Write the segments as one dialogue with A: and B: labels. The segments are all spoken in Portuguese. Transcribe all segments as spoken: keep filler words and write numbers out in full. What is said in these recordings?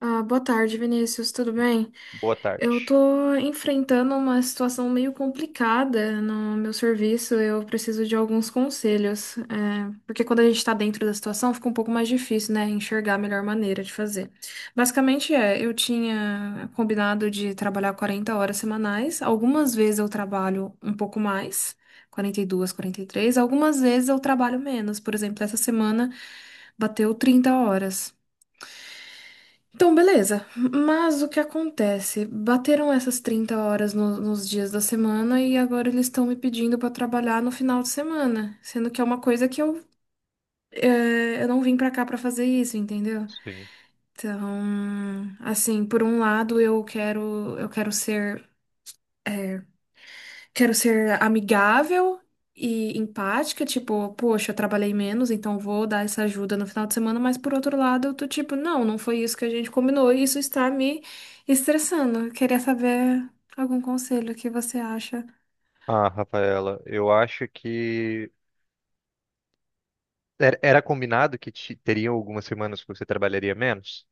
A: Ah, boa tarde, Vinícius, tudo bem?
B: Boa
A: Eu
B: tarde.
A: tô enfrentando uma situação meio complicada no meu serviço, eu preciso de alguns conselhos, é, porque quando a gente tá dentro da situação fica um pouco mais difícil, né, enxergar a melhor maneira de fazer. Basicamente é, eu tinha combinado de trabalhar quarenta horas semanais, algumas vezes eu trabalho um pouco mais, quarenta e dois, quarenta e três, algumas vezes eu trabalho menos, por exemplo, essa semana bateu trinta horas. Então, beleza. Mas o que acontece? Bateram essas trinta horas no- nos dias da semana e agora eles estão me pedindo para trabalhar no final de semana, sendo que é uma coisa que eu, é, eu não vim para cá para fazer isso, entendeu?
B: Sim.
A: Então, assim, por um lado eu quero eu quero ser Quero ser amigável e empática, tipo, poxa, eu trabalhei menos, então vou dar essa ajuda no final de semana, mas por outro lado, eu tô tipo, não, não foi isso que a gente combinou, e isso está me estressando. Eu queria saber algum conselho que você acha.
B: Ah, Rafaela, eu acho que era era combinado que te- teriam algumas semanas que você trabalharia menos,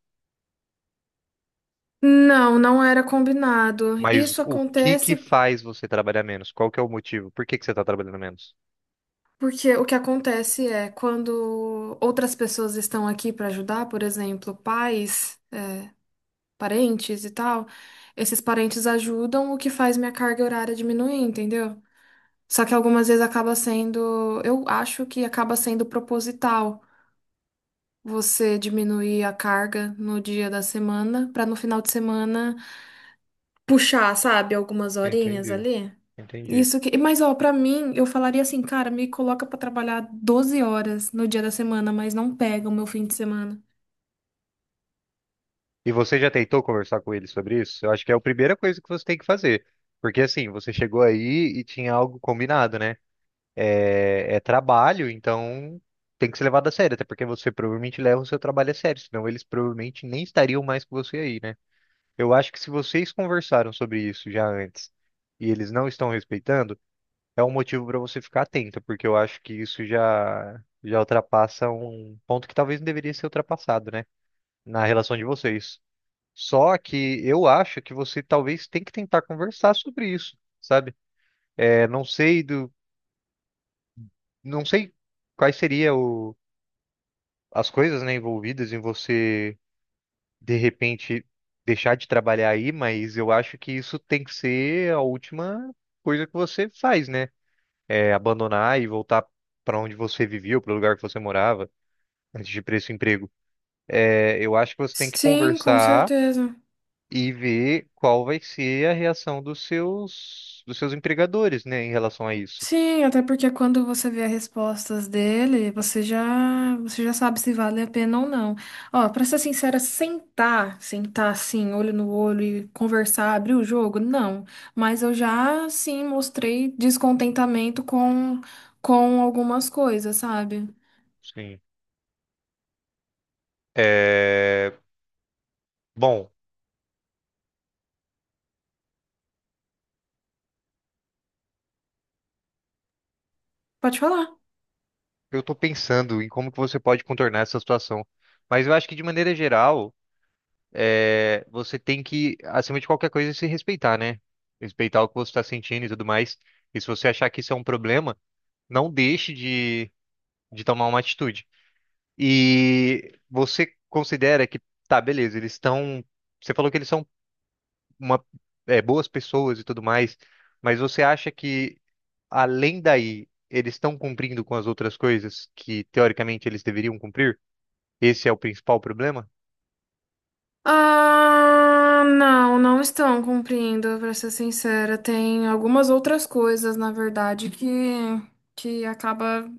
A: Não, não era combinado.
B: mas
A: Isso
B: o que que
A: acontece
B: faz você trabalhar menos? Qual que é o motivo? Por que que você está trabalhando menos?
A: porque o que acontece é quando outras pessoas estão aqui para ajudar, por exemplo, pais. Parentes e tal, esses parentes ajudam, o que faz minha carga horária diminuir, entendeu? Só que algumas vezes acaba sendo, eu acho que acaba sendo proposital você diminuir a carga no dia da semana pra no final de semana puxar, sabe, algumas horinhas
B: Entendi,
A: ali.
B: entendi.
A: Isso que, mas ó, pra mim, eu falaria assim, cara, me coloca pra trabalhar doze horas no dia da semana, mas não pega o meu fim de semana.
B: E você já tentou conversar com ele sobre isso? Eu acho que é a primeira coisa que você tem que fazer, porque assim, você chegou aí e tinha algo combinado, né? é, é trabalho, então tem que ser levado a sério, até porque você provavelmente leva o seu trabalho a sério, senão eles provavelmente nem estariam mais com você aí, né? Eu acho que se vocês conversaram sobre isso já antes e eles não estão respeitando, é um motivo para você ficar atento, porque eu acho que isso já já ultrapassa um ponto que talvez não deveria ser ultrapassado, né? Na relação de vocês. Só que eu acho que você talvez tem que tentar conversar sobre isso, sabe? É, não sei do, não sei quais seriam as coisas, né, envolvidas em você de repente deixar de trabalhar aí, mas eu acho que isso tem que ser a última coisa que você faz, né? É abandonar e voltar para onde você vivia, para o lugar que você morava, antes de ir para esse emprego. É, eu acho que você tem que
A: Sim, com
B: conversar
A: certeza.
B: e ver qual vai ser a reação dos seus dos seus empregadores, né, em relação a isso.
A: Sim, até porque quando você vê as respostas dele, você já, você já sabe se vale a pena ou não. Ó, pra ser sincera, sentar, sentar assim, olho no olho e conversar, abrir o jogo, não. Mas eu já, sim, mostrei descontentamento com, com algumas coisas, sabe?
B: Sim. É, bom.
A: Pode falar.
B: Eu tô pensando em como que você pode contornar essa situação. Mas eu acho que, de maneira geral, é, você tem que, acima de qualquer coisa, se respeitar, né? Respeitar o que você está sentindo e tudo mais. E se você achar que isso é um problema, não deixe de, de tomar uma atitude. E você considera que, tá, beleza, eles estão. Você falou que eles são uma, é, boas pessoas e tudo mais, mas você acha que, além daí, eles estão cumprindo com as outras coisas que, teoricamente, eles deveriam cumprir? Esse é o principal problema?
A: Ah, não, não estão cumprindo, pra ser sincera. Tem algumas outras coisas, na verdade, que, que acaba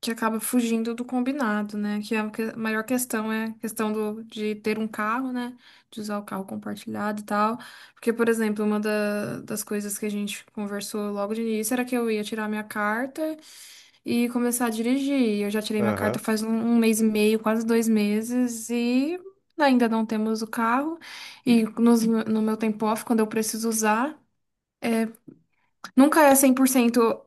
A: que acaba fugindo do combinado, né? Que a que- a maior questão é a questão do, de ter um carro, né? De usar o carro compartilhado e tal. Porque, por exemplo, uma da- das coisas que a gente conversou logo de início era que eu ia tirar minha carta e começar a dirigir. Eu já tirei minha carta
B: Aham.
A: faz um, um mês e meio, quase dois meses, e ainda não temos o carro. E nos- no meu tempo off, quando eu preciso usar, nunca é cem por cento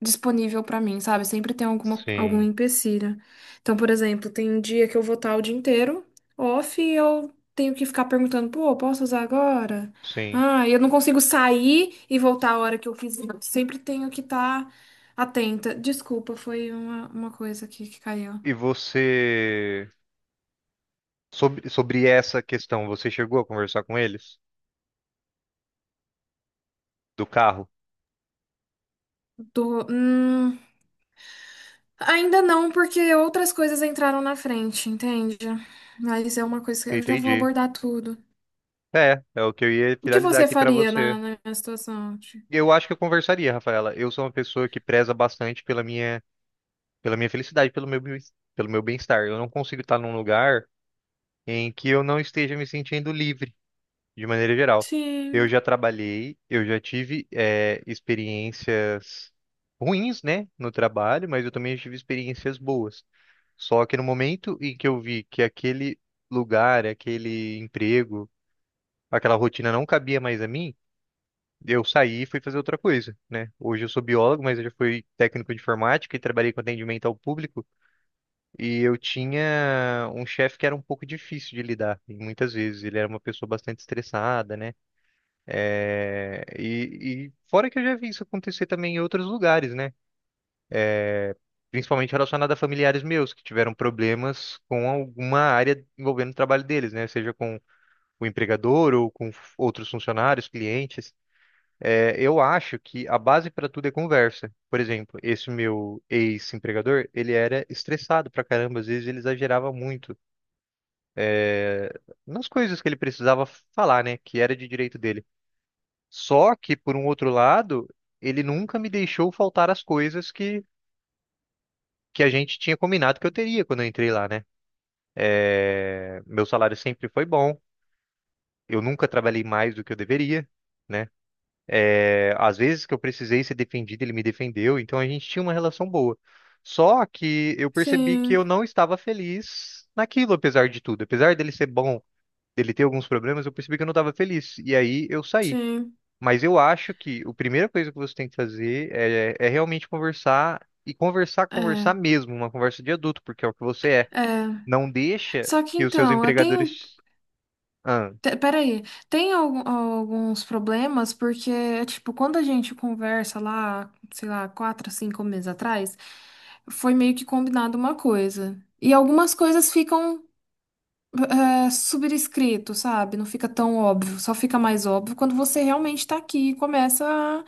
A: disponível pra mim, sabe? Sempre tem alguma, algum
B: Sim,
A: empecilho. Então, por exemplo, tem um dia que eu vou estar o dia inteiro off e eu tenho que ficar perguntando, pô, posso usar agora?
B: sim.
A: Ah, e eu não consigo sair e voltar a hora que eu quiser. Sempre tenho que estar atenta. Desculpa, foi uma, uma coisa aqui que caiu.
B: E você, sobre, sobre essa questão, você chegou a conversar com eles? Do carro?
A: Tô, hum, ainda não, porque outras coisas entraram na frente, entende? Mas é uma coisa que eu já vou
B: Entendi.
A: abordar tudo.
B: É, é o que eu ia
A: O que
B: finalizar
A: você
B: aqui pra
A: faria na,
B: você.
A: na minha situação?
B: Eu acho que eu conversaria, Rafaela. Eu sou uma pessoa que preza bastante pela minha, pela minha felicidade, pelo meu, bem- pelo meu bem-estar. Eu não consigo estar num lugar em que eu não esteja me sentindo livre. De maneira geral. Eu
A: Sim.
B: já trabalhei, eu já tive eh, experiências ruins, né, no trabalho, mas eu também tive experiências boas. Só que no momento em que eu vi que aquele lugar, aquele emprego, aquela rotina não cabia mais a mim, eu saí e fui fazer outra coisa, né? Hoje eu sou biólogo, mas eu já fui técnico de informática e trabalhei com atendimento ao público, e eu tinha um chefe que era um pouco difícil de lidar, e muitas vezes ele era uma pessoa bastante estressada, né? É, e, e fora que eu já vi isso acontecer também em outros lugares, né? Principalmente relacionado a familiares meus que tiveram problemas com alguma área envolvendo o trabalho deles, né? Seja com o empregador ou com f- outros funcionários, clientes. É, eu acho que a base para tudo é conversa. Por exemplo, esse meu ex-empregador, ele era estressado pra caramba, às vezes ele exagerava muito, é, nas coisas que ele precisava falar, né? Que era de direito dele. Só que, por um outro lado, ele nunca me deixou faltar as coisas que, que a gente tinha combinado que eu teria quando eu entrei lá, né? É, meu salário sempre foi bom, eu nunca trabalhei mais do que eu deveria, né? É, às vezes que eu precisei ser defendido, ele me defendeu, então a gente tinha uma relação boa. Só que eu percebi que
A: Sim,
B: eu não estava feliz naquilo, apesar de tudo. Apesar dele ser bom, dele ter alguns problemas, eu percebi que eu não estava feliz. E aí eu saí.
A: sim.
B: Mas eu acho que a primeira coisa que você tem que fazer é, é realmente conversar e conversar, conversar
A: É,
B: mesmo, uma conversa de adulto, porque é o que você é.
A: é.
B: Não deixa
A: Só que
B: que os seus
A: então, eu tenho.
B: empregadores. Ah,
A: te- Peraí, tem algu- alguns problemas, porque, é, tipo, quando a gente conversa lá, sei lá, quatro, cinco meses atrás, foi meio que combinado uma coisa. E algumas coisas ficam é, subscrito, sabe? Não fica tão óbvio, só fica mais óbvio quando você realmente tá aqui e começa a,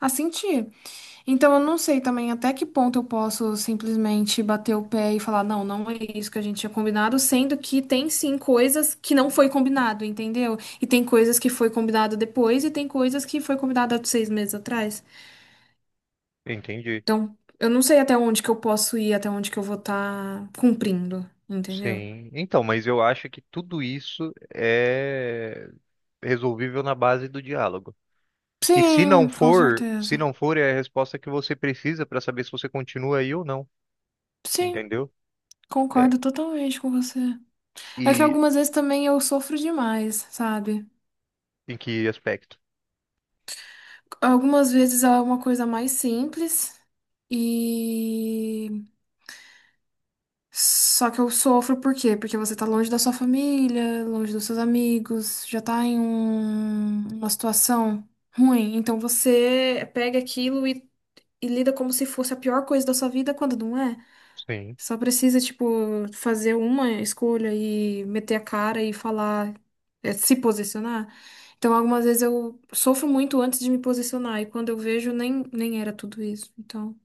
A: a sentir. Então, eu não sei também até que ponto eu posso simplesmente bater o pé e falar, não, não é isso que a gente tinha combinado, sendo que tem sim coisas que não foi combinado, entendeu? E tem coisas que foi combinado depois e tem coisas que foi combinado há seis meses atrás.
B: entendi.
A: Então, eu não sei até onde que eu posso ir, até onde que eu vou estar cumprindo, entendeu?
B: Sim. Então, mas eu acho que tudo isso é resolvível na base do diálogo. E se não
A: Sim, com
B: for, se
A: certeza.
B: não for, é a resposta que você precisa para saber se você continua aí ou não,
A: Sim,
B: entendeu? É.
A: concordo totalmente com você. É que
B: E
A: algumas vezes também eu sofro demais, sabe?
B: em que aspecto?
A: Algumas vezes é uma coisa mais simples e só que eu sofro por quê? Porque você tá longe da sua família, longe dos seus amigos, já tá em um- uma situação ruim. Então você pega aquilo e, e lida como se fosse a pior coisa da sua vida quando não é.
B: Sim.
A: Só precisa, tipo, fazer uma escolha e meter a cara e falar, é, se posicionar. Então, algumas vezes eu sofro muito antes de me posicionar, e quando eu vejo, nem, nem era tudo isso. Então.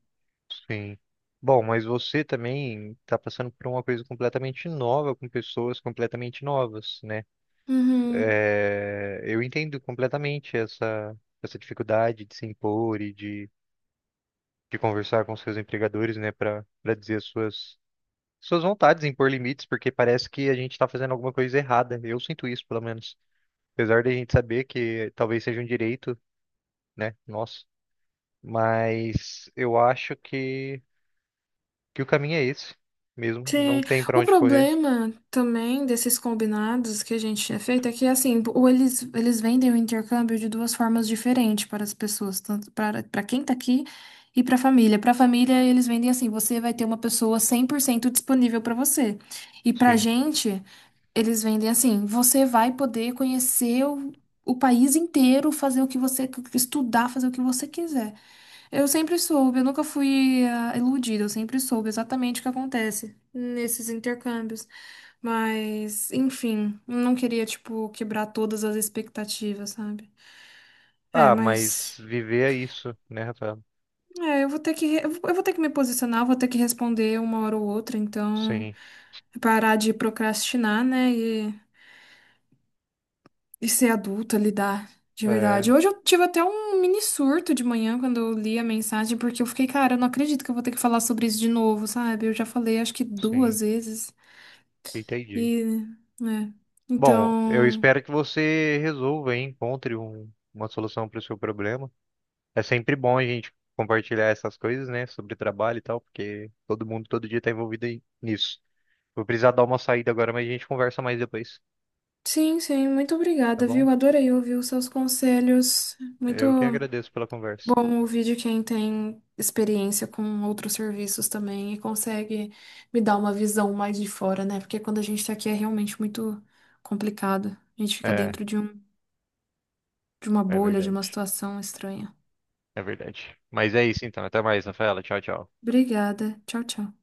B: Sim. Bom, mas você também está passando por uma coisa completamente nova, com pessoas completamente novas, né?
A: Uhum.
B: É, eu entendo completamente essa, essa dificuldade de se impor e de, de conversar com seus empregadores, né, para para dizer as suas, suas vontades, impor limites, porque parece que a gente está fazendo alguma coisa errada. Eu sinto isso, pelo menos. Apesar de a gente saber que talvez seja um direito, né, nosso, mas eu acho que, que o caminho é esse mesmo, não
A: Sim,
B: tem para
A: o
B: onde correr.
A: problema também desses combinados que a gente tinha feito é que, assim, ou eles, eles vendem o intercâmbio de duas formas diferentes para as pessoas, tanto para, para quem tá aqui e para a família. Para a família, eles vendem assim, você vai ter uma pessoa cem por cento disponível para você. E para a
B: Sim.
A: gente, eles vendem assim, você vai poder conhecer o, o país inteiro, fazer o que você estudar, fazer o que você quiser. Eu sempre soube, eu nunca fui ah, iludida, eu sempre soube exatamente o que acontece nesses intercâmbios. Mas, enfim, não queria, tipo, quebrar todas as expectativas, sabe? É,
B: Ah, mas
A: mas.
B: viver é isso, né, Rafael?
A: É, eu vou ter que, re- eu vou eu vou ter que me posicionar, vou ter que responder uma hora ou outra, então
B: Sim,
A: é parar de procrastinar, né? E ser adulta, lidar, de verdade.
B: é,
A: Hoje eu tive até um mini surto de manhã quando eu li a mensagem, porque eu fiquei, cara, eu não acredito que eu vou ter que falar sobre isso de novo, sabe? Eu já falei acho que
B: sim,
A: duas vezes.
B: entendi.
A: E, né?
B: Bom, eu
A: Então,
B: espero que você resolva e encontre um- uma solução para o seu problema. É sempre bom a gente compartilhar essas coisas, né, sobre trabalho e tal, porque todo mundo todo dia está envolvido em- nisso. Vou precisar dar uma saída agora, mas a gente conversa mais depois,
A: sim, sim, muito
B: tá
A: obrigada,
B: bom?
A: viu? Adorei ouvir os seus conselhos. Muito
B: Eu que agradeço pela conversa.
A: bom ouvir de quem tem experiência com outros serviços também e consegue me dar uma visão mais de fora, né? Porque quando a gente tá aqui é realmente muito complicado. A gente fica
B: É,
A: dentro de um de uma
B: é
A: bolha, de uma
B: verdade.
A: situação estranha.
B: É verdade. Mas é isso então. Até mais, Rafaela. Tchau, tchau.
A: Obrigada. Tchau, tchau.